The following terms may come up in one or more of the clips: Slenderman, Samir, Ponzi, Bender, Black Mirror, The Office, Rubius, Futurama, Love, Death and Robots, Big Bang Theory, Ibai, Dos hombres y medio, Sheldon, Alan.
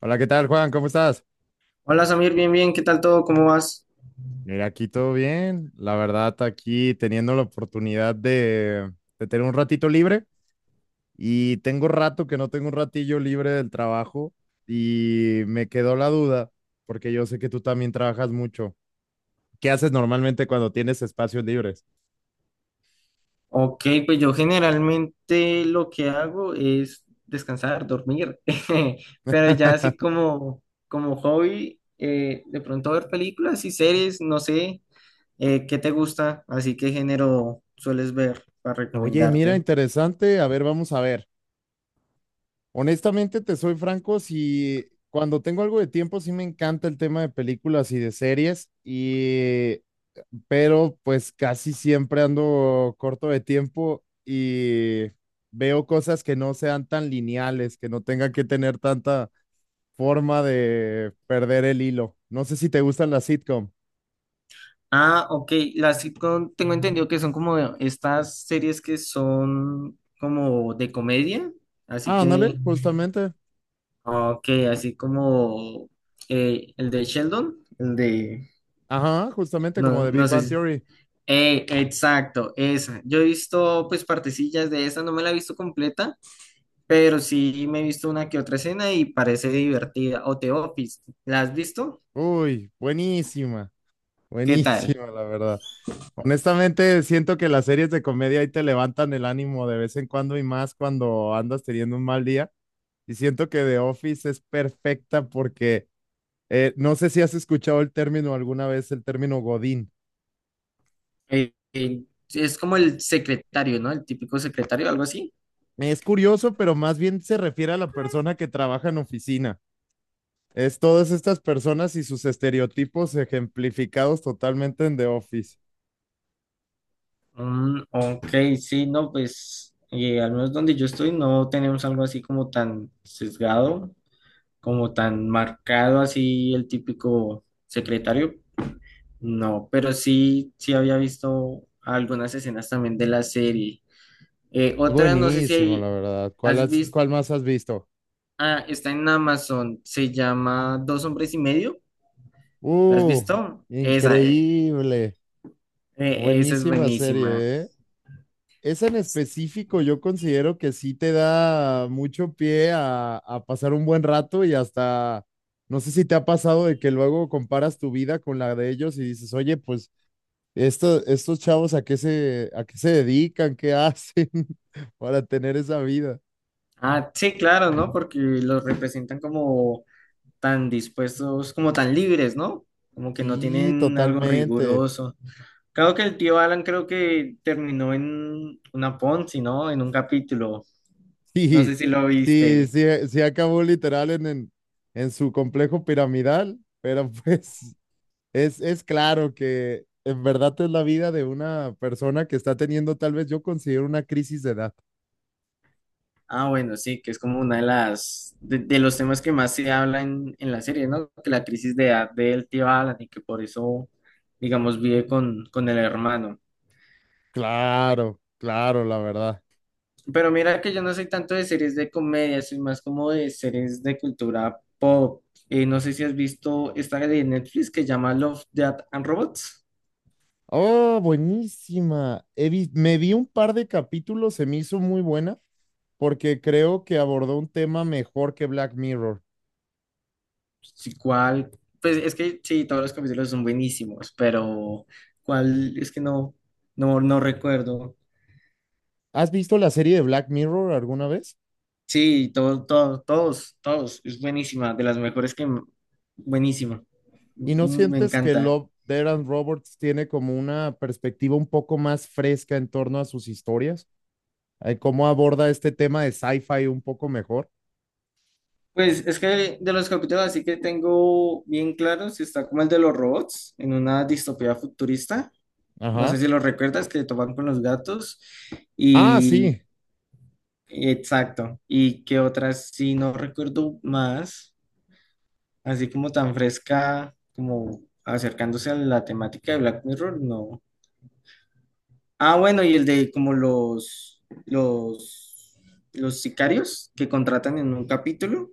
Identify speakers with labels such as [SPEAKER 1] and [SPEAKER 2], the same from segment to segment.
[SPEAKER 1] Hola, ¿qué tal, Juan? ¿Cómo estás?
[SPEAKER 2] Hola Samir, bien, bien, ¿qué tal todo? ¿Cómo vas?
[SPEAKER 1] Mira, aquí todo bien. La verdad, aquí teniendo la oportunidad de tener un ratito libre y tengo rato que no tengo un ratillo libre del trabajo y me quedó la duda porque yo sé que tú también trabajas mucho. ¿Qué haces normalmente cuando tienes espacios libres?
[SPEAKER 2] Ok, pues yo generalmente lo que hago es descansar, dormir, pero ya así como, como hobby, de pronto ver películas y series, no sé, ¿qué te gusta? Así qué género sueles ver para
[SPEAKER 1] Oye, mira,
[SPEAKER 2] recomendarte.
[SPEAKER 1] interesante. A ver, vamos a ver. Honestamente, te soy franco, si cuando tengo algo de tiempo, sí me encanta el tema de películas y de series, y pero pues casi siempre ando corto de tiempo y veo cosas que no sean tan lineales, que no tengan que tener tanta forma de perder el hilo. No sé si te gustan las sitcom.
[SPEAKER 2] Ah, ok, las sitcom tengo entendido que son como estas series que son como de comedia, así
[SPEAKER 1] Ah,
[SPEAKER 2] que...
[SPEAKER 1] ándale, justamente.
[SPEAKER 2] Ah, ok, así como el de Sheldon, el de...
[SPEAKER 1] Ajá, justamente como
[SPEAKER 2] No,
[SPEAKER 1] de Big
[SPEAKER 2] no sé.
[SPEAKER 1] Bang Theory.
[SPEAKER 2] Exacto, esa. Yo he visto pues partecillas de esa, no me la he visto completa, pero sí me he visto una que otra escena y parece divertida. O The Office, ¿la has visto?
[SPEAKER 1] Uy, buenísima,
[SPEAKER 2] ¿Qué tal?
[SPEAKER 1] buenísima, la verdad. Honestamente, siento que las series de comedia ahí te levantan el ánimo de vez en cuando y más cuando andas teniendo un mal día. Y siento que The Office es perfecta porque no sé si has escuchado el término alguna vez, el término Godín.
[SPEAKER 2] Eh, eh, es como el secretario, ¿no? El típico secretario, algo así.
[SPEAKER 1] Es curioso, pero más bien se refiere a la persona que trabaja en oficina. Es todas estas personas y sus estereotipos ejemplificados totalmente en The Office.
[SPEAKER 2] Mm, ok, sí, no, pues al menos donde yo estoy no tenemos algo así como tan sesgado, como tan marcado así el típico secretario, no, pero sí, sí había visto algunas escenas también de la serie.
[SPEAKER 1] Es
[SPEAKER 2] Otra, no sé si
[SPEAKER 1] buenísimo, la verdad. ¿Cuál,
[SPEAKER 2] has visto,
[SPEAKER 1] cuál más has visto?
[SPEAKER 2] ah, está en Amazon, se llama Dos hombres y medio, ¿la has
[SPEAKER 1] Uh,
[SPEAKER 2] visto? Esa,
[SPEAKER 1] increíble.
[SPEAKER 2] esa es
[SPEAKER 1] Buenísima
[SPEAKER 2] buenísima.
[SPEAKER 1] serie, ¿eh? Esa en específico yo considero que sí te da mucho pie a pasar un buen rato y hasta, no sé si te ha pasado de que luego comparas tu vida con la de ellos y dices, oye, pues esto, estos chavos a qué se dedican, qué hacen para tener esa vida.
[SPEAKER 2] Ah, sí, claro, ¿no? Porque los representan como tan dispuestos, como tan libres, ¿no? Como que no
[SPEAKER 1] Sí,
[SPEAKER 2] tienen algo
[SPEAKER 1] totalmente.
[SPEAKER 2] riguroso. Claro que el tío Alan creo que terminó en una Ponzi, ¿no? En un capítulo.
[SPEAKER 1] Sí,
[SPEAKER 2] No sé si lo
[SPEAKER 1] sí,
[SPEAKER 2] viste.
[SPEAKER 1] sí, sí acabó literal en su complejo piramidal, pero pues... es claro que en verdad es la vida de una persona que está teniendo, tal vez yo considero una crisis de edad.
[SPEAKER 2] Ah, bueno, sí, que es como una de los temas que más se habla en la serie, ¿no? Que la crisis de edad del tío Alan y que por eso, digamos, vive con el hermano.
[SPEAKER 1] Claro, claro, la verdad.
[SPEAKER 2] Pero mira que yo no soy tanto de series de comedia, soy más como de series de cultura pop. No sé si has visto esta de Netflix que llama Love, Death and Robots.
[SPEAKER 1] Oh, buenísima. Me vi un par de capítulos, se me hizo muy buena porque creo que abordó un tema mejor que Black Mirror.
[SPEAKER 2] Sí, ¿cuál? Pues es que sí, todos los capítulos son buenísimos, pero ¿cuál? Es que no, no recuerdo.
[SPEAKER 1] ¿Has visto la serie de Black Mirror alguna vez?
[SPEAKER 2] Sí, todo, todo, todos, todos. Es buenísima, de las mejores que... Buenísima.
[SPEAKER 1] ¿Y no
[SPEAKER 2] Mm, me
[SPEAKER 1] sientes que
[SPEAKER 2] encanta.
[SPEAKER 1] Love, Death and Robots tiene como una perspectiva un poco más fresca en torno a sus historias? ¿Cómo aborda este tema de sci-fi un poco mejor?
[SPEAKER 2] Pues es que de los capítulos así que tengo bien claros, está como el de los robots en una distopía futurista. No
[SPEAKER 1] Ajá.
[SPEAKER 2] sé si lo recuerdas, que toman con los gatos.
[SPEAKER 1] Ah,
[SPEAKER 2] Y
[SPEAKER 1] sí.
[SPEAKER 2] exacto. ¿Y qué otras? Sí, no recuerdo más. Así como tan fresca, como acercándose a la temática de Black Mirror, no. Ah, bueno, y el de como los sicarios que contratan en un capítulo.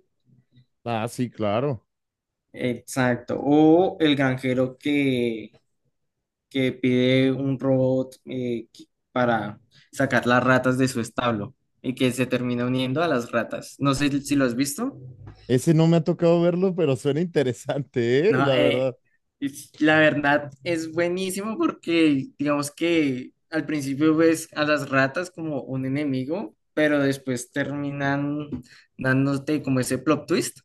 [SPEAKER 1] Ah, sí, claro.
[SPEAKER 2] Exacto. O el granjero que pide un robot para sacar las ratas de su establo y que se termina uniendo a las ratas. No sé si lo has visto.
[SPEAKER 1] Ese no me ha tocado verlo, pero suena interesante, ¿eh?
[SPEAKER 2] No,
[SPEAKER 1] La verdad.
[SPEAKER 2] la verdad es buenísimo porque digamos que al principio ves a las ratas como un enemigo, pero después terminan dándote como ese plot twist.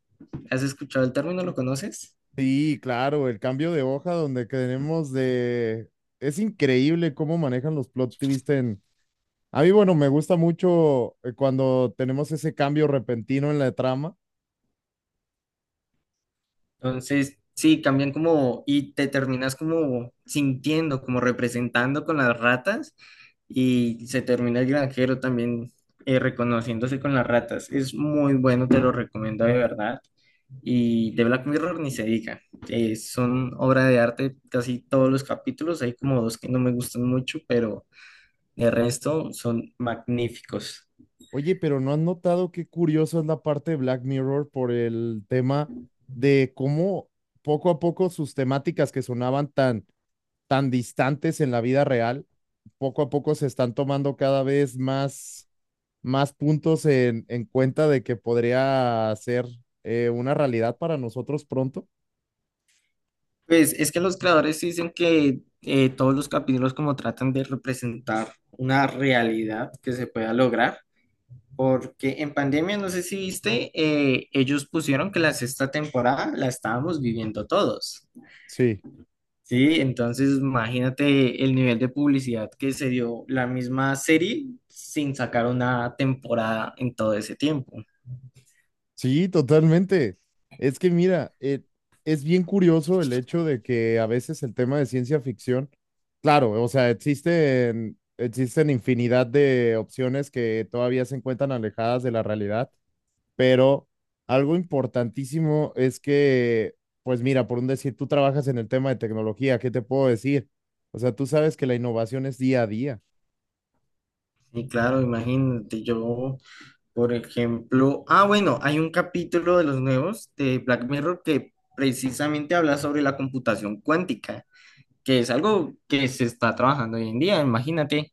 [SPEAKER 2] ¿Has escuchado el término? ¿Lo conoces?
[SPEAKER 1] Sí, claro, el cambio de hoja donde tenemos de... Es increíble cómo manejan los plot twists en... A mí, bueno, me gusta mucho cuando tenemos ese cambio repentino en la trama.
[SPEAKER 2] Entonces, sí, cambian como y te terminas como sintiendo, como representando con las ratas y se termina el granjero también reconociéndose con las ratas. Es muy bueno, te lo recomiendo de verdad. Y de Black Mirror ni se diga. Son obra de arte casi todos los capítulos. Hay como dos que no me gustan mucho, pero el resto son magníficos.
[SPEAKER 1] Oye, pero ¿no has notado qué curioso es la parte de Black Mirror por el tema de cómo poco a poco sus temáticas que sonaban tan distantes en la vida real, poco a poco se están tomando cada vez más, más puntos en cuenta de que podría ser una realidad para nosotros pronto.
[SPEAKER 2] Pues es que los creadores dicen que todos los capítulos como tratan de representar una realidad que se pueda lograr. Porque en pandemia, no sé si viste, ellos pusieron que la sexta temporada la estábamos viviendo todos.
[SPEAKER 1] Sí,
[SPEAKER 2] Sí, entonces imagínate el nivel de publicidad que se dio la misma serie sin sacar una temporada en todo ese tiempo.
[SPEAKER 1] sí, totalmente. Es que mira, es bien curioso el hecho de que a veces el tema de ciencia ficción, claro, o sea, existen infinidad de opciones que todavía se encuentran alejadas de la realidad pero algo importantísimo es que, pues mira, por un decir, tú trabajas en el tema de tecnología, ¿qué te puedo decir? O sea, tú sabes que la innovación es día a día.
[SPEAKER 2] Y claro, imagínate yo, por ejemplo, ah, bueno, hay un capítulo de los nuevos de Black Mirror que precisamente habla sobre la computación cuántica, que es algo que se está trabajando hoy en día, imagínate.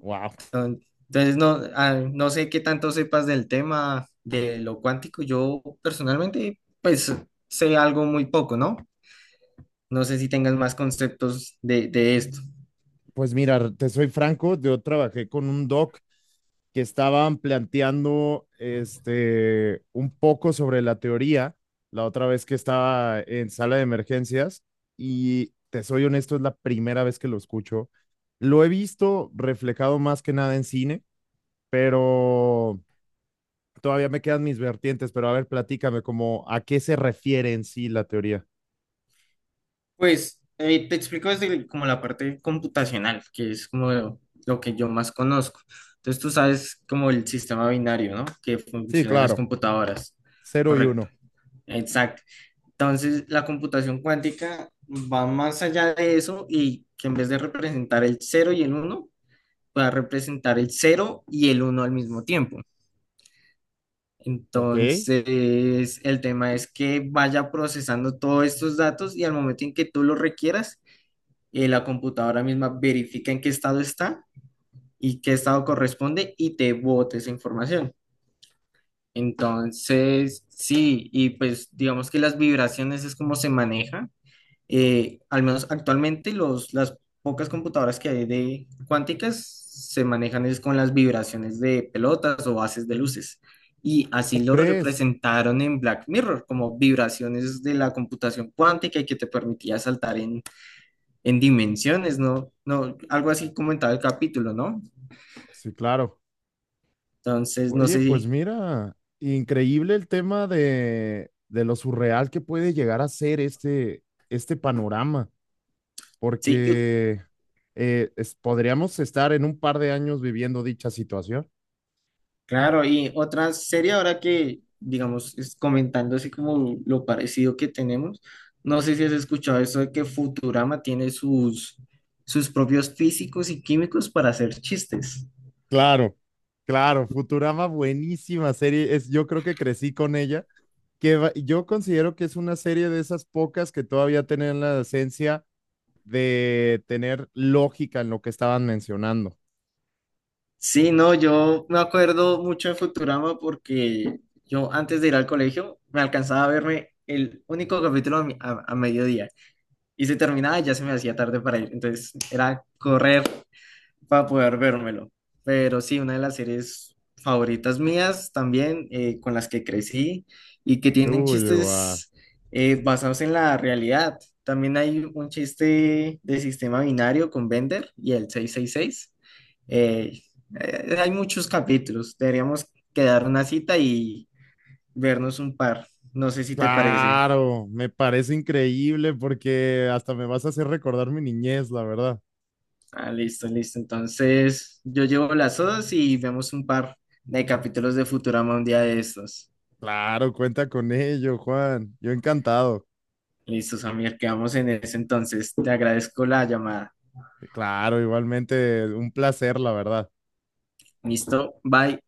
[SPEAKER 1] Wow.
[SPEAKER 2] Entonces, no, ah, no sé qué tanto sepas del tema de lo cuántico. Yo personalmente, pues, sé algo muy poco, ¿no? No sé si tengas más conceptos de esto.
[SPEAKER 1] Pues mira, te soy franco, yo trabajé con un doc que estaban planteando este un poco sobre la teoría la otra vez que estaba en sala de emergencias y te soy honesto, es la primera vez que lo escucho. Lo he visto reflejado más que nada en cine, pero todavía me quedan mis vertientes, pero a ver, platícame como a qué se refiere en sí la teoría.
[SPEAKER 2] Pues, te explico desde como la parte computacional, que es como lo que yo más conozco. Entonces, tú sabes como el sistema binario, ¿no? Que
[SPEAKER 1] Sí,
[SPEAKER 2] funciona en las
[SPEAKER 1] claro,
[SPEAKER 2] computadoras.
[SPEAKER 1] cero y
[SPEAKER 2] Correcto.
[SPEAKER 1] uno.
[SPEAKER 2] Exacto. Entonces, la computación cuántica va más allá de eso y que en vez de representar el cero y el uno pueda representar el cero y el uno al mismo tiempo.
[SPEAKER 1] Ok,
[SPEAKER 2] Entonces, el tema es que vaya procesando todos estos datos y al momento en que tú los requieras, la computadora misma verifica en qué estado está y qué estado corresponde y te bote esa información. Entonces, sí, y pues digamos que las vibraciones es como se maneja al menos actualmente las pocas computadoras que hay de cuánticas se manejan es con las vibraciones de pelotas o haces de luces. Y así
[SPEAKER 1] ¿cómo
[SPEAKER 2] lo
[SPEAKER 1] crees?
[SPEAKER 2] representaron en Black Mirror, como vibraciones de la computación cuántica y que te permitía saltar en dimensiones, ¿no? No, algo así comentaba el capítulo, ¿no?
[SPEAKER 1] Sí, claro.
[SPEAKER 2] Entonces, no
[SPEAKER 1] Oye,
[SPEAKER 2] sé
[SPEAKER 1] pues
[SPEAKER 2] si,
[SPEAKER 1] mira, increíble el tema de lo surreal que puede llegar a ser este panorama,
[SPEAKER 2] sí.
[SPEAKER 1] porque podríamos estar en un par de años viviendo dicha situación.
[SPEAKER 2] Claro, y otra serie ahora que, digamos, es comentando así como lo parecido que tenemos, no sé si has escuchado eso de que Futurama tiene sus propios físicos y químicos para hacer chistes.
[SPEAKER 1] Claro, claro, Futurama, buenísima serie. Es, yo creo que crecí con ella yo considero que es una serie de esas pocas que todavía tienen la esencia de tener lógica en lo que estaban mencionando.
[SPEAKER 2] Sí, no, yo me acuerdo mucho de Futurama porque yo antes de ir al colegio me alcanzaba a verme el único capítulo a, a mediodía y se terminaba y ya se me hacía tarde para ir, entonces era correr para poder vérmelo. Pero sí, una de las series favoritas mías también, con las que crecí y que tienen
[SPEAKER 1] Uy, guau.
[SPEAKER 2] chistes basados en la realidad. También hay un chiste de sistema binario con Bender y el 666. Eh, hay muchos capítulos. Deberíamos quedar una cita y vernos un par. No sé si te parece.
[SPEAKER 1] Claro, me parece increíble porque hasta me vas a hacer recordar mi niñez, la verdad.
[SPEAKER 2] Ah, listo, listo. Entonces, yo llevo las dos y vemos un par de capítulos de Futurama un día de estos.
[SPEAKER 1] Claro, cuenta con ello, Juan. Yo encantado.
[SPEAKER 2] Listo, Samir, quedamos en eso entonces. Te agradezco la llamada.
[SPEAKER 1] Claro, igualmente un placer, la verdad.
[SPEAKER 2] Listo, bye.